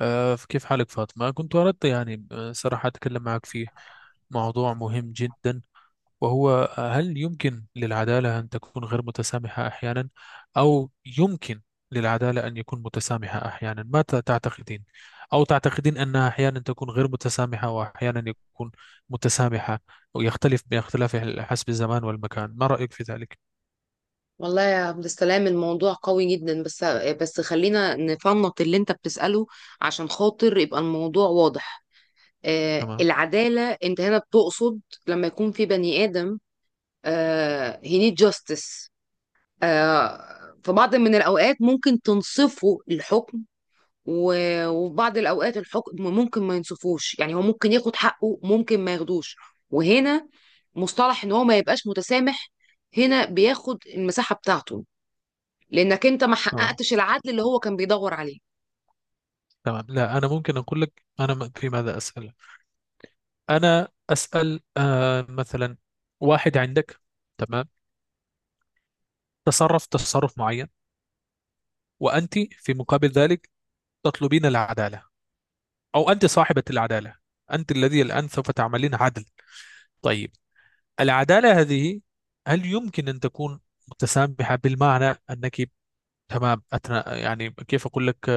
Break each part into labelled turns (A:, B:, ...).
A: كيف حالك فاطمة؟ كنت أردت يعني صراحة أتكلم معك في موضوع مهم جدا. وهو هل يمكن للعدالة أن تكون غير متسامحة أحيانا، أو يمكن للعدالة أن يكون متسامحة أحيانا؟ ما تعتقدين؟ أو تعتقدين أنها أحيانا تكون غير متسامحة وأحيانا يكون متسامحة، ويختلف باختلاف حسب الزمان والمكان؟ ما رأيك في ذلك؟
B: والله يا عبد السلام، الموضوع قوي جدا. بس خلينا نفنط اللي انت بتسأله عشان خاطر يبقى الموضوع واضح.
A: تمام،
B: العدالة انت هنا بتقصد؟ لما يكون في بني آدم، he need justice. في بعض من الأوقات ممكن تنصفه الحكم، و- وفي بعض الأوقات الحكم ممكن ما ينصفوش، يعني هو ممكن ياخد حقه، ممكن ما ياخدوش. وهنا مصطلح ان هو ما يبقاش متسامح هنا بياخد المساحة بتاعته، لانك انت ما
A: تمام،
B: حققتش العدل اللي هو كان بيدور عليه.
A: تمام. لا، أنا ممكن أقول لك، أنا في ماذا أسأل. انا اسال مثلا، واحد عندك، تمام، تصرف معين، وانت في مقابل ذلك تطلبين العداله، او انت صاحبه العداله، انت الذي الان سوف تعملين عدل. طيب، العداله هذه هل يمكن ان تكون متسامحه بالمعنى انك، تمام أتنا، يعني كيف اقول لك،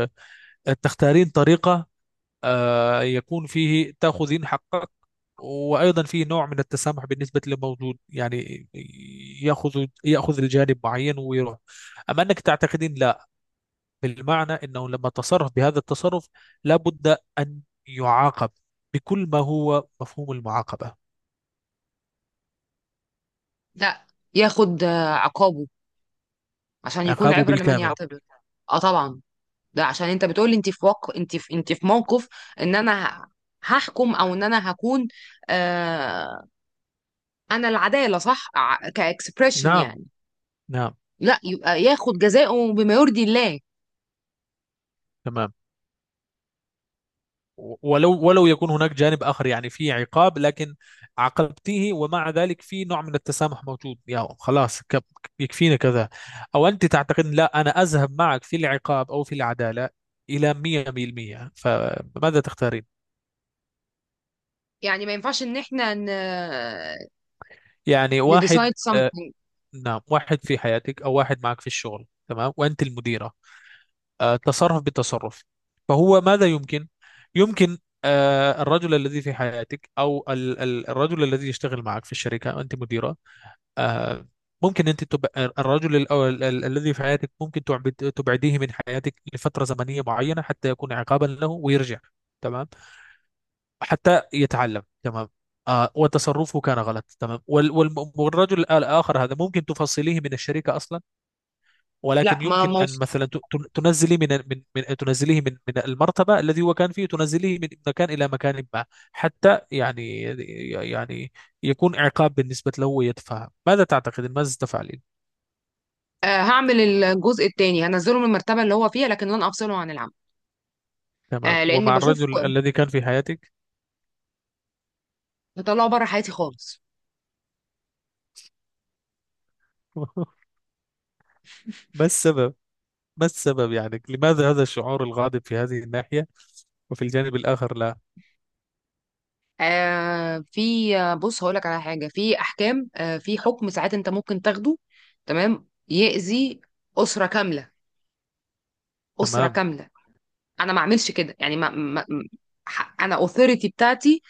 A: تختارين طريقه يكون فيه تأخذين حقك، وأيضا فيه نوع من التسامح بالنسبة للموجود، يعني يأخذ الجانب معين ويروح. أما أنك تعتقدين لا، بالمعنى أنه لما تصرف بهذا التصرف لابد أن يعاقب بكل ما هو مفهوم المعاقبة،
B: ده ياخد عقابه عشان يكون
A: عقابه
B: عبرة لمن
A: بالكامل.
B: يعتبر. اه، طبعا. ده عشان انت بتقولي انت في وق... انت في... انت في موقف ان انا هحكم، او ان انا هكون، آه... انا العدالة صح، كاكسبريشن،
A: نعم،
B: يعني.
A: نعم.
B: لا، يبقى ياخد جزاؤه بما يرضي الله.
A: تمام. ولو يكون هناك جانب آخر، يعني في عقاب لكن عاقبتيه، ومع ذلك في نوع من التسامح موجود، يا خلاص يكفينا كذا، أو أنت تعتقد لا أنا أذهب معك في العقاب أو في العدالة إلى 100%؟ فماذا تختارين؟
B: يعني ما ينفعش ان احنا
A: يعني
B: نديسايد
A: واحد،
B: something.
A: نعم، واحد في حياتك أو واحد معك في الشغل، تمام، وأنت المديرة، تصرف بتصرف، فهو ماذا يمكن؟ يمكن الرجل الذي في حياتك، او الرجل الذي يشتغل معك في الشركه انت مديره، آه، ممكن انت تبقى الرجل الذي في حياتك ممكن تبعديه من حياتك لفتره زمنيه معينه حتى يكون عقابا له ويرجع، تمام، حتى يتعلم، تمام. وتصرفه كان غلط، تمام، والرجل الاخر هذا ممكن تفصليه من الشركه اصلا،
B: لا،
A: ولكن
B: ما
A: يمكن
B: ما
A: ان مثلا تنزليه من المرتبه الذي هو كان فيه، تنزليه من مكان الى مكان ما، حتى يعني يعني يكون عقاب بالنسبه له ويتفهم. ماذا تعتقد؟ ماذا تفعلين؟
B: آه، هعمل الجزء التاني، هنزله من المرتبة اللي هو فيها لكن لن افصله عن العمل.
A: تمام.
B: لان
A: ومع
B: بشوف
A: الرجل الذي كان في حياتك؟
B: بطلعه بره حياتي خالص.
A: ما السبب ما السبب، يعني لماذا هذا الشعور الغاضب في هذه الناحية، وفي الجانب الآخر لا؟
B: آه في آه، بص هقول لك على حاجه. في احكام، في حكم، ساعات انت ممكن تاخده تمام يأذي اسره كامله، اسره
A: تمام.
B: كامله. انا ما اعملش كده، يعني انا اوثوريتي بتاعتي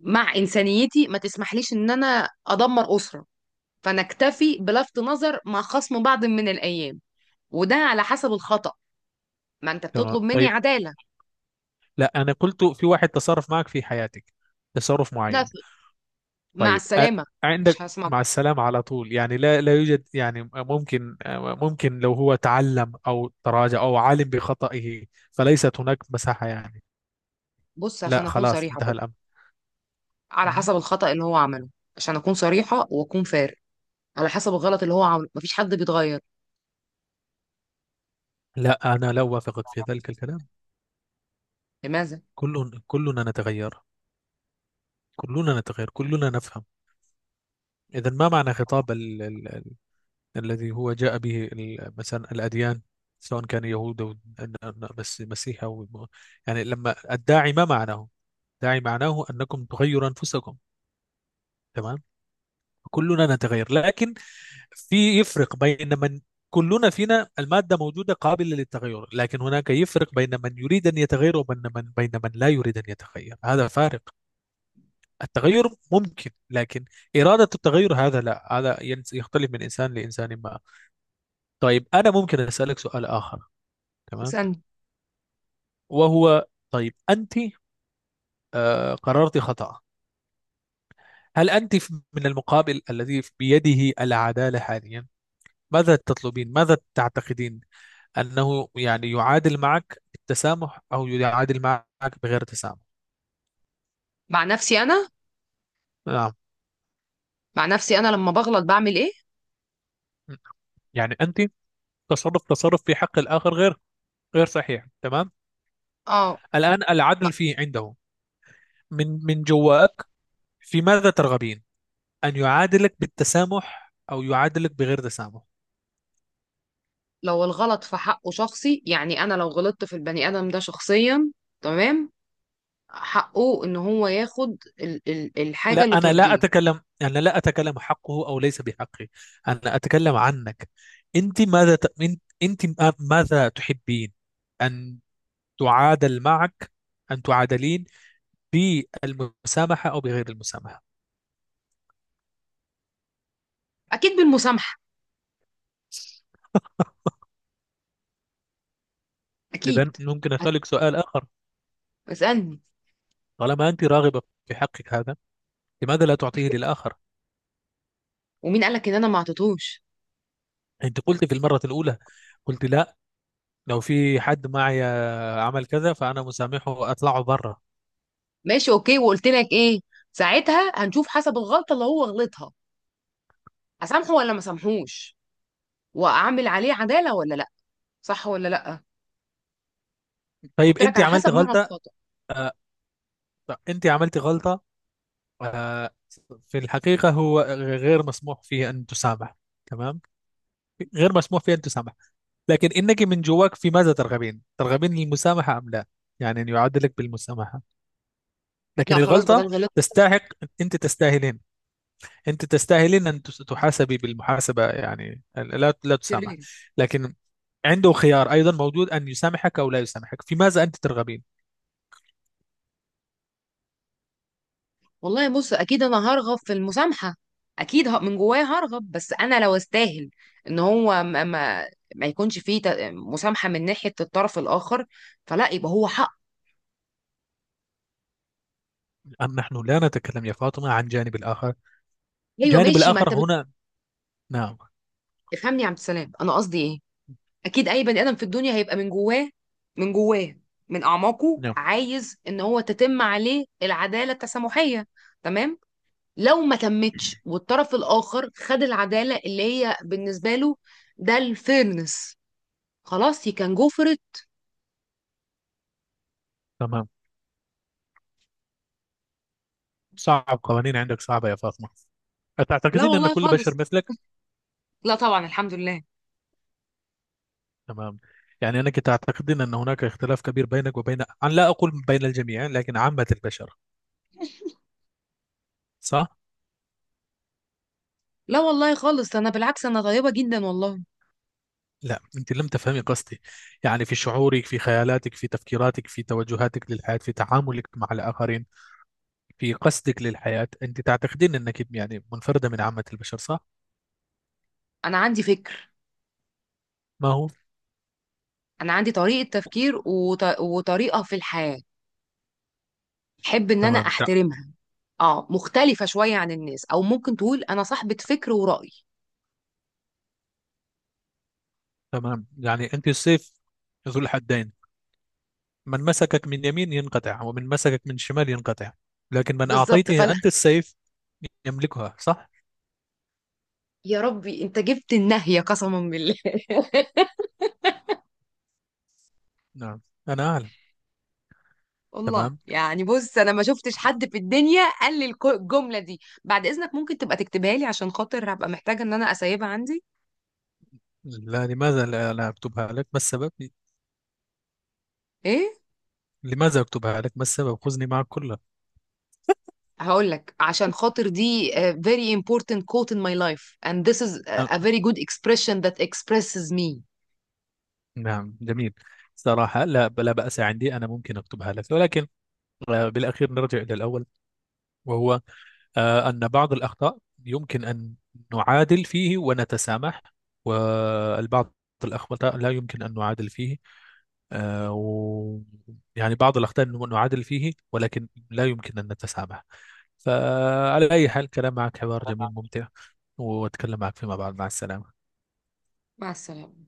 B: مع انسانيتي ما تسمحليش ان انا ادمر اسره. فنكتفي بلفت نظر مع خصم بعض من الايام، وده على حسب الخطأ. ما انت
A: تمام،
B: بتطلب مني
A: طيب.
B: عداله.
A: لا، أنا قلت في واحد تصرف معك في حياتك، تصرف
B: لا،
A: معين،
B: مع
A: طيب،
B: السلامه. مش
A: عندك
B: هسمع.
A: مع السلامة على طول، يعني لا، لا يوجد يعني ممكن، ممكن لو هو تعلم أو تراجع أو علم بخطئه، فليست هناك مساحة يعني،
B: بص،
A: لا،
B: عشان اكون
A: خلاص
B: صريحه
A: انتهى
B: برضه،
A: الأمر؟
B: على
A: مهم.
B: حسب الخطأ اللي هو عمله. عشان أكون صريحة وأكون فارق، على حسب الغلط اللي هو عمله، مفيش حد بيتغير.
A: لا، أنا لا أوافقك في ذلك الكلام.
B: لماذا؟
A: كلنا نتغير، كلنا نتغير، كلنا نفهم. إذا ما معنى خطاب الذي هو جاء به مثلا الأديان، سواء كان يهود أو بس مسيح، أو يعني لما الداعي، ما معناه؟ الداعي معناه أنكم تغيروا أنفسكم، تمام. كلنا نتغير، لكن في يفرق بين من كلنا فينا المادة موجودة قابلة للتغير، لكن هناك يفرق بين من يريد أن يتغير وبين من لا يريد أن يتغير، هذا فارق. التغير ممكن، لكن إرادة التغير هذا لا، هذا يختلف من إنسان لإنسان ما. طيب، أنا ممكن أسألك سؤال آخر؟ تمام.
B: اسألني.
A: وهو، طيب أنت قررت خطأ، هل أنت من المقابل الذي بيده العدالة حاليا، ماذا تطلبين؟ ماذا تعتقدين أنه يعني يعادل معك بالتسامح أو يعادل معك بغير تسامح؟
B: مع نفسي أنا
A: نعم.
B: مع نفسي أنا لما بغلط بعمل إيه؟
A: يعني أنت، تصرف، في حق الآخر غير، صحيح، تمام،
B: آه.
A: الآن
B: ب-
A: العدل فيه عنده، من جواك في ماذا ترغبين؟ أن يعادلك بالتسامح أو يعادلك بغير تسامح؟
B: لو الغلط في حقه شخصي، يعني أنا لو غلطت في البني آدم ده شخصيا، تمام، حقه إن هو ياخد ال ال الحاجة
A: لا،
B: اللي
A: أنا لا
B: ترضيه.
A: أتكلم، حقه أو ليس بحقه، أنا أتكلم عنك، أنت ماذا ت... أنت أنت ماذا تحبين أن تعادل معك أن تعادلين، بالمسامحة أو بغير المسامحة؟
B: أكيد بالمسامحة،
A: إذا
B: أكيد.
A: ممكن
B: أك-
A: أسألك سؤال آخر؟
B: اسألني.
A: طالما أنت راغبة في حقك هذا، لماذا لا تعطيه للآخر؟
B: ومين قالك إن أنا ما عطيتهوش؟
A: أنت قلت في المرة الأولى، قلت لا، لو في حد معي عمل كذا فانا مسامحه، اطلعه بره.
B: ماشي، أوكي. وقلت لك إيه؟ ساعتها هنشوف حسب الغلطة اللي هو غلطها، اسامحه ولا ما اسامحوش، واعمل عليه عداله ولا لا، صح ولا لا.
A: طيب
B: قلت لك
A: انت
B: على
A: عملتي
B: حسب نوع
A: غلطه،
B: الخطأ.
A: آه، انت عملتي غلطه، آه، في الحقيقه هو غير مسموح فيه ان تسامح، تمام، غير مسموح فيه ان تسامح، لكن انك من جواك في ماذا ترغبين؟ المسامحه ام لا، يعني ان يعاد لك بالمسامحه،
B: لا
A: لكن
B: خلاص،
A: الغلطه
B: بدل غلط
A: تستحق، انت تستاهلين، ان تحاسبي بالمحاسبه، يعني لا، لا تسامح،
B: شرير.
A: لكن عنده خيار أيضا موجود أن يسامحك أو لا يسامحك، في ماذا أنت ترغبين؟
B: والله بص، اكيد انا هرغب في المسامحه، اكيد. من جوايا هرغب، بس انا لو استاهل ان هو ما يكونش فيه مسامحه من ناحيه الطرف الاخر، فلا يبقى هو حق.
A: أم نحن لا نتكلم يا فاطمة عن جانب الآخر،
B: ايوه
A: جانب
B: ماشي، ما
A: الآخر
B: انت
A: هنا؟ نعم،
B: بتفهمني يا عبد السلام، انا قصدي ايه. اكيد اي بني ادم في الدنيا هيبقى من جواه، من جواه، من اعماقه
A: نعم.
B: عايز ان هو تتم عليه العداله التسامحيه. تمام. لو ما تمتش والطرف الاخر خد العداله اللي هي بالنسبه له، ده الفيرنس، خلاص، هي كان جو فور ات.
A: تمام. صعب، قوانين عندك صعبة يا فاطمة،
B: لا
A: أتعتقدين أن
B: والله
A: كل بشر
B: خالص.
A: مثلك؟
B: لا طبعا، الحمد لله.
A: تمام. يعني أنك تعتقدين أن هناك اختلاف كبير بينك وبين، أنا لا أقول بين الجميع، لكن عامة البشر، صح؟
B: لا والله خالص، انا بالعكس، انا طيبه جدا والله.
A: لا، أنت لم تفهمي قصدي، يعني في شعورك، في خيالاتك، في تفكيراتك، في توجهاتك للحياة، في تعاملك مع الآخرين، في قصدك للحياة، أنت تعتقدين أنك يعني منفردة من عامة البشر، صح؟
B: انا عندي فكر.
A: ما هو؟
B: انا عندي طريقه تفكير وطريقه في الحياه، احب ان انا
A: تمام،
B: احترمها. اه مختلفة شوية عن الناس، او ممكن تقول انا صاحبة فكر ورأي.
A: تمام. يعني أنت السيف ذو الحدين، من مسكك من يمين ينقطع ومن مسكك من شمال ينقطع، لكن من
B: بالظبط،
A: أعطيته
B: فلا.
A: أنت السيف يملكها، صح؟
B: يا ربي انت جبت النهية، قسما بالله.
A: نعم. أنا أعلم.
B: والله
A: تمام.
B: يعني، بص، انا ما شفتش حد في الدنيا قال لي الجملة دي. بعد اذنك ممكن تبقى تكتبها لي عشان خاطر هبقى محتاجة ان انا اسيبها عندي.
A: لا، لماذا؟ لا، لا أكتبها لك، ما السبب؟
B: ايه؟
A: لماذا أكتبها لك؟ ما السبب؟ خذني معك كلها.
B: هقول لك عشان خاطر دي very important quote in my life, and this is
A: أ-
B: a very good expression that expresses me.
A: نعم، جميل. صراحة لا، لا بأس عندي، أنا ممكن أكتبها لك، ولكن بالأخير نرجع إلى الأول، وهو أن بعض الأخطاء يمكن أن نعادل فيه ونتسامح، والبعض الأخطاء لا يمكن أن نعادل فيه، آه، و يعني بعض الأخطاء نعادل فيه، ولكن لا يمكن أن نتسامح. فعلى أي حال، كلام معك حوار جميل ممتع، وأتكلم معك فيما بعد، مع السلامة.
B: مع السلامة.